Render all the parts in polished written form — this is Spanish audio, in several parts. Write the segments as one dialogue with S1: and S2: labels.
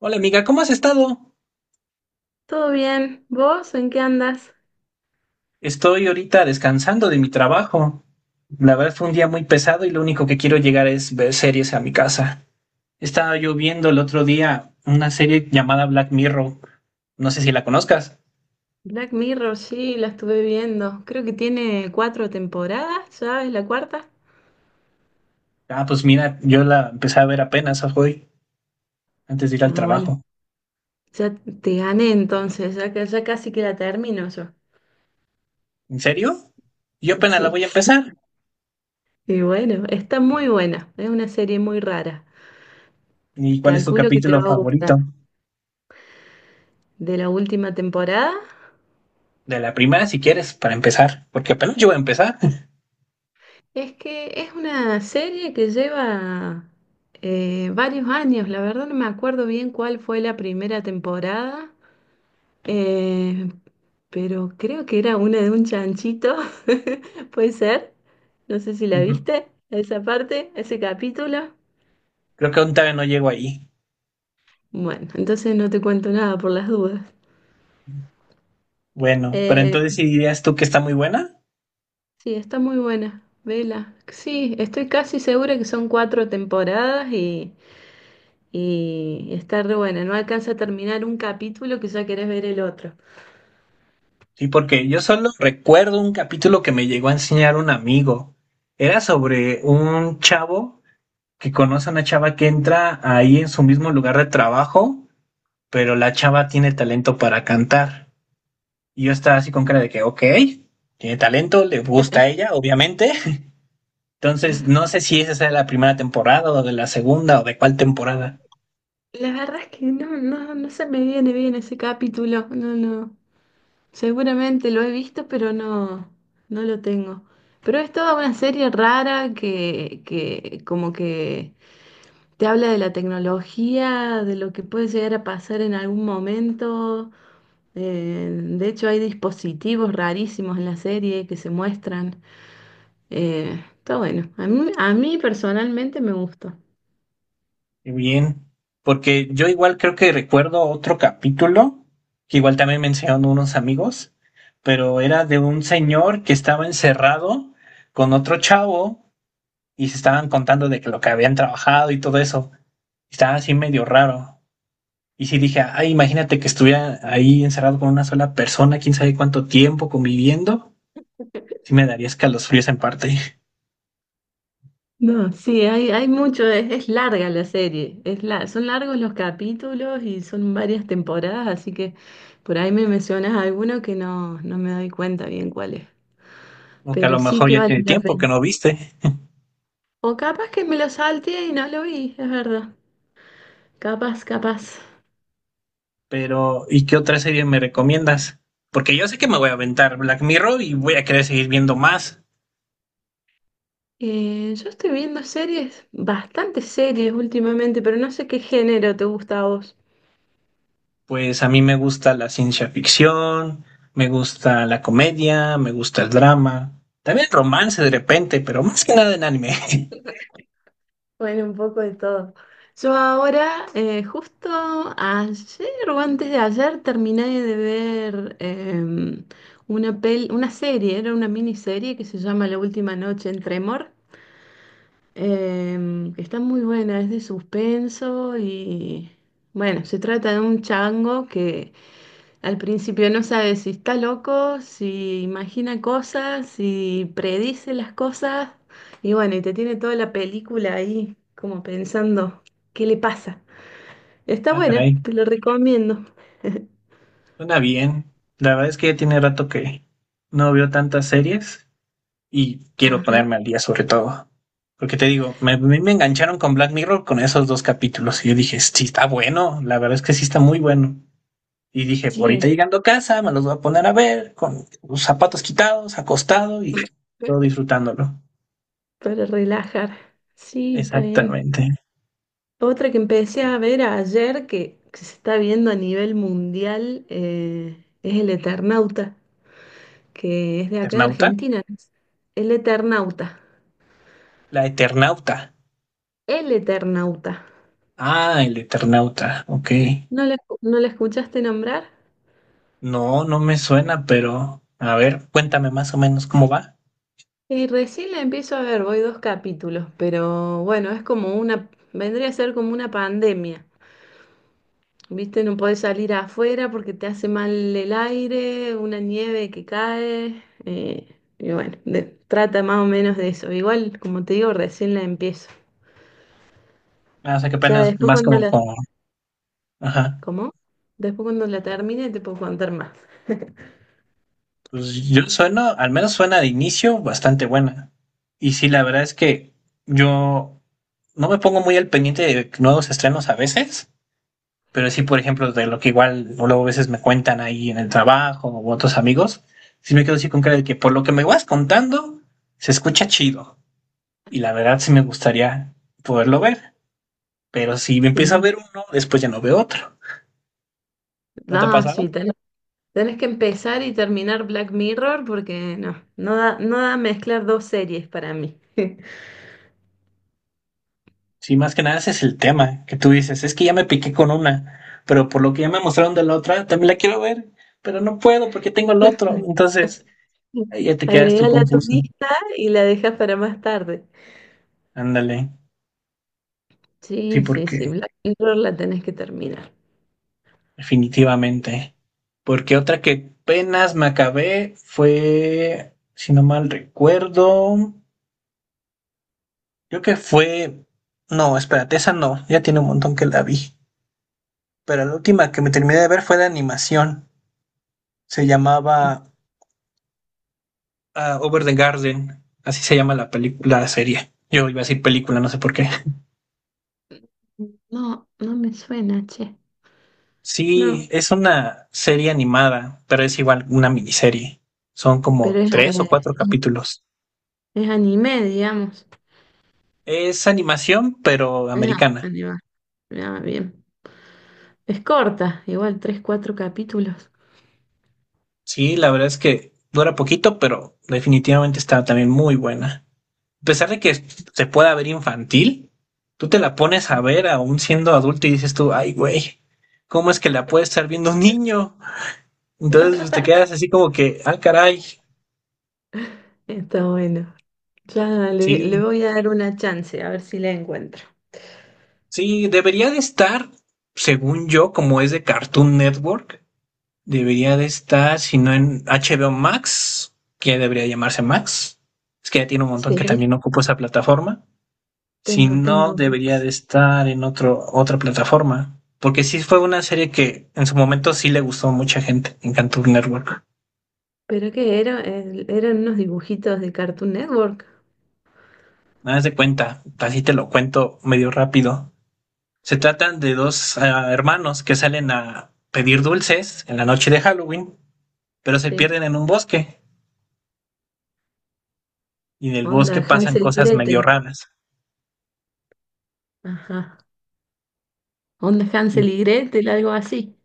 S1: Hola amiga, ¿cómo has estado?
S2: Todo bien. ¿Vos en qué andas?
S1: Estoy ahorita descansando de mi trabajo. La verdad fue un día muy pesado y lo único que quiero llegar es ver series a mi casa. Estaba yo viendo el otro día una serie llamada Black Mirror. No sé si la conozcas.
S2: Black Mirror, sí, la estuve viendo. Creo que tiene cuatro temporadas, ¿ya es la cuarta?
S1: Ah, pues mira, yo la empecé a ver apenas hoy, antes de ir al
S2: Ah, bueno,
S1: trabajo.
S2: ya te gané entonces, ya casi que la termino yo.
S1: ¿En serio? Yo apenas la
S2: Sí,
S1: voy a empezar.
S2: y bueno, está muy buena, es una serie muy rara.
S1: ¿Y cuál es tu
S2: Calculo que te
S1: capítulo
S2: va a gustar.
S1: favorito?
S2: De la última temporada,
S1: De la primera, si quieres, para empezar, porque apenas yo voy a empezar.
S2: es que es una serie que lleva varios años, la verdad no me acuerdo bien cuál fue la primera temporada. Eh, pero creo que era una de un chanchito, puede ser. No sé si la
S1: Ujú.
S2: viste, esa parte, ese capítulo.
S1: Creo que aún todavía no llego ahí.
S2: Bueno, entonces no te cuento nada por las dudas.
S1: Bueno, pero
S2: Eh,
S1: entonces ¿si dirías tú que está muy buena?
S2: sí, está muy buena, vela. Sí, estoy casi segura que son cuatro temporadas y está re buena. No alcanza a terminar un capítulo que ya querés ver el otro.
S1: Sí, porque yo solo recuerdo un capítulo que me llegó a enseñar un amigo. Era sobre un chavo que conoce a una chava que entra ahí en su mismo lugar de trabajo, pero la chava tiene talento para cantar. Y yo estaba así con cara de que, ok, tiene talento, le gusta a ella, obviamente. Entonces, no sé si esa sea la primera temporada o de la segunda o de cuál temporada.
S2: La verdad es que no se me viene bien ese capítulo. No, no. Seguramente lo he visto, pero no lo tengo. Pero es toda una serie rara que como que te habla de la tecnología, de lo que puede llegar a pasar en algún momento. Eh, de hecho, hay dispositivos rarísimos en la serie que se muestran. Está bueno. A mí personalmente me gustó.
S1: Qué bien. Porque yo igual creo que recuerdo otro capítulo, que igual también mencionaron unos amigos, pero era de un señor que estaba encerrado con otro chavo y se estaban contando de que lo que habían trabajado y todo eso. Estaba así medio raro. Y sí dije, ay, imagínate que estuviera ahí encerrado con una sola persona, quién sabe cuánto tiempo conviviendo. Sí me daría escalofríos en parte.
S2: No, sí, hay mucho, es larga la serie, son largos los capítulos y son varias temporadas, así que por ahí me mencionas alguno que no me doy cuenta bien cuál es,
S1: O que a
S2: pero
S1: lo
S2: sí
S1: mejor
S2: que
S1: ya
S2: vale
S1: tiene
S2: la
S1: tiempo que
S2: pena.
S1: no viste.
S2: O capaz que me lo salteé y no lo vi, es verdad, capaz, capaz.
S1: Pero, ¿y qué otra serie me recomiendas? Porque yo sé que me voy a aventar Black Mirror y voy a querer seguir viendo más.
S2: Yo estoy viendo series, bastantes series últimamente, pero no sé qué género te gusta a vos.
S1: Pues a mí me gusta la ciencia ficción, me gusta la comedia, me gusta el drama, también el romance de repente, pero más que nada en anime.
S2: Bueno, un poco de todo. Yo ahora, justo ayer o antes de ayer, terminé de ver una serie, era una miniserie que se llama La última noche en Tremor. Está muy buena, es de suspenso y bueno, se trata de un chango que al principio no sabe si está loco, si imagina cosas, si predice las cosas. Y bueno, y te tiene toda la película ahí como pensando, ¿qué le pasa? Está
S1: Ah,
S2: buena,
S1: caray,
S2: te lo recomiendo.
S1: suena bien. La verdad es que ya tiene rato que no veo tantas series y quiero
S2: Ajá.
S1: ponerme al día sobre todo. Porque te digo, a mí me engancharon con Black Mirror con esos dos capítulos y yo dije, sí, está bueno, la verdad es que sí está muy bueno. Y dije,
S2: Sí.
S1: ahorita llegando a casa, me los voy a poner a ver, con los zapatos quitados, acostado y todo disfrutándolo.
S2: Para relajar. Sí, está bien.
S1: Exactamente.
S2: Otra que empecé a ver ayer que se está viendo a nivel mundial es El Eternauta, que es de acá de
S1: ¿Eternauta?
S2: Argentina, ¿no? El Eternauta.
S1: La Eternauta.
S2: El Eternauta.
S1: Ah, el Eternauta, ok.
S2: No la escuchaste nombrar.
S1: No, no me suena, pero a ver, cuéntame más o menos cómo va.
S2: Y recién la empiezo a ver, voy dos capítulos, pero bueno, es como una, vendría a ser como una pandemia. ¿Viste? No podés salir afuera porque te hace mal el aire, una nieve que cae. Y bueno, trata más o menos de eso. Igual, como te digo, recién la empiezo.
S1: Ah, o sea que
S2: Ya
S1: apenas
S2: después
S1: más
S2: cuando
S1: como
S2: la...
S1: por... Ajá.
S2: ¿Cómo? Después cuando la termine te puedo contar más.
S1: Pues yo sueno al menos suena de inicio bastante buena. Y sí, la verdad es que yo no me pongo muy al pendiente de nuevos estrenos a veces. Pero sí, por ejemplo, de lo que igual luego a veces me cuentan ahí en el trabajo o otros amigos, sí me quedo así con cara de que por lo que me vas contando, se escucha chido. Y la verdad sí me gustaría poderlo ver, pero si me empiezo a
S2: Sí.
S1: ver uno, después ya no veo otro. ¿No te ha
S2: Ah,
S1: pasado?
S2: sí, tenés que empezar y terminar Black Mirror porque no da mezclar dos series para mí.
S1: Sí, más que nada ese es el tema, que tú dices, es que ya me piqué con una, pero por lo que ya me mostraron de la otra, también la quiero ver, pero no puedo porque tengo el otro. Entonces, ahí ya te quedas tú
S2: Agregala a tu
S1: confuso.
S2: lista y la dejas para más tarde.
S1: Ándale. Sí,
S2: Sí, sí,
S1: porque
S2: sí, Black Mirror la tenés que terminar.
S1: definitivamente. Porque otra que apenas me acabé fue, si no mal recuerdo, creo que fue... No, espérate, esa no, ya tiene un montón que la vi. Pero la última que me terminé de ver fue de animación. Se llamaba Over the Garden. Así se llama la película, la serie. Yo iba a decir película, no sé por qué.
S2: No, no me suena, che.
S1: Sí,
S2: No,
S1: es una serie animada, pero es igual una miniserie. Son
S2: pero
S1: como
S2: es,
S1: tres o
S2: eh,
S1: cuatro capítulos.
S2: es anime, digamos.
S1: Es animación, pero
S2: Es a-
S1: americana.
S2: Anime. Ah, bien. Es corta, igual, tres, cuatro capítulos.
S1: Sí, la verdad es que dura poquito, pero definitivamente está también muy buena. A pesar de que se pueda ver infantil, tú te la pones
S2: Ah,
S1: a ver aún siendo adulto y dices tú, ay, güey, ¿cómo es que la puede estar viendo un niño? Entonces pues, te quedas así como que, ah, caray,
S2: está bueno. Claro, le
S1: sí,
S2: voy a dar una chance, a ver si la encuentro.
S1: sí, debería de estar, según yo, como es de Cartoon Network, debería de estar, si no en HBO Max, que debería llamarse Max. Es que ya tiene un montón
S2: Sí,
S1: que también ocupa esa plataforma. Si no, debería de
S2: Max.
S1: estar en otra plataforma. Porque sí fue una serie que en su momento sí le gustó a mucha gente en Cartoon Network.
S2: ¿Pero qué era? Eran unos dibujitos de Cartoon Network.
S1: Nada más de cuenta, así te lo cuento medio rápido. Se tratan de dos hermanos que salen a pedir dulces en la noche de Halloween, pero se
S2: Sí.
S1: pierden en un bosque y en el bosque
S2: Onda
S1: pasan
S2: Hansel y
S1: cosas medio
S2: Gretel.
S1: raras.
S2: Ajá. Onda Hansel y Gretel, algo así.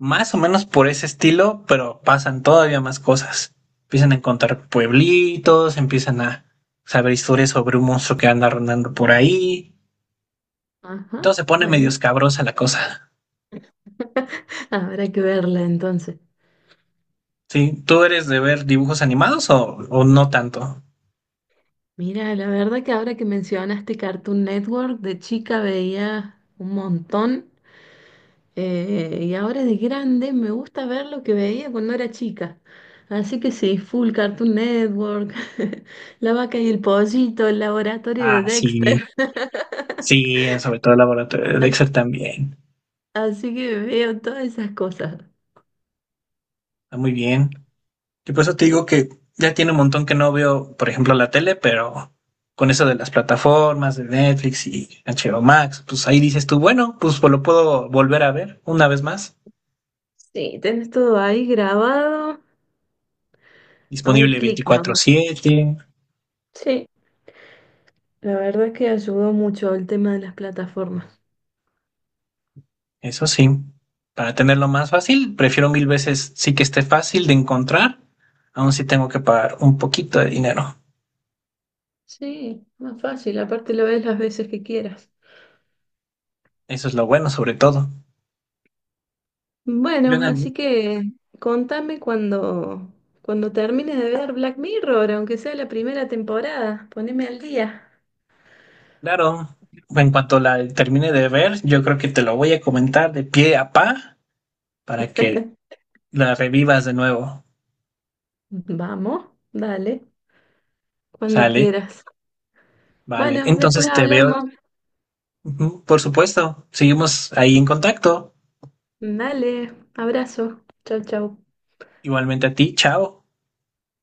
S1: Más o menos por ese estilo, pero pasan todavía más cosas. Empiezan a encontrar pueblitos, empiezan a saber historias sobre un monstruo que anda rondando por ahí.
S2: Ajá.
S1: Entonces se pone medio
S2: Bueno,
S1: escabrosa la cosa.
S2: habrá que verla entonces.
S1: ¿Sí? ¿Tú eres de ver dibujos animados o no tanto?
S2: Mira, la verdad que ahora que mencionaste Cartoon Network, de chica veía un montón. Y ahora de grande me gusta ver lo que veía cuando era chica. Así que sí, full Cartoon Network, la vaca y el pollito, el laboratorio de
S1: Ah, sí,
S2: Dexter.
S1: sí, sobre todo el laboratorio de
S2: A-
S1: Dexter también.
S2: Así que veo todas esas cosas.
S1: Está muy bien. Y por eso te digo que ya tiene un montón que no veo, por ejemplo, la tele, pero con eso de las plataformas, de Netflix y HBO Max, pues ahí dices tú, bueno, pues lo puedo volver a ver una vez más.
S2: Sí, tenés todo ahí grabado a un
S1: Disponible
S2: clic
S1: veinticuatro
S2: nomás.
S1: siete
S2: Sí, la verdad es que ayudó mucho el tema de las plataformas.
S1: eso sí. Para tenerlo más fácil, prefiero mil veces sí que esté fácil de encontrar, aun si tengo que pagar un poquito de dinero.
S2: Sí, más fácil, aparte lo ves las veces que quieras.
S1: Eso es lo bueno, sobre todo. Yo en
S2: Bueno,
S1: algún,
S2: así que contame cuando, cuando termines de ver Black Mirror, aunque sea la primera temporada, poneme al día.
S1: claro, en cuanto la termine de ver, yo creo que te lo voy a comentar de pie a pa para que la revivas de nuevo.
S2: Vamos, dale, cuando
S1: Sale,
S2: quieras.
S1: vale.
S2: Bueno, después
S1: Entonces te veo.
S2: hablamos.
S1: Ujú, por supuesto, seguimos ahí en contacto.
S2: Dale, abrazo. Chau, chau.
S1: Igualmente a ti, chao.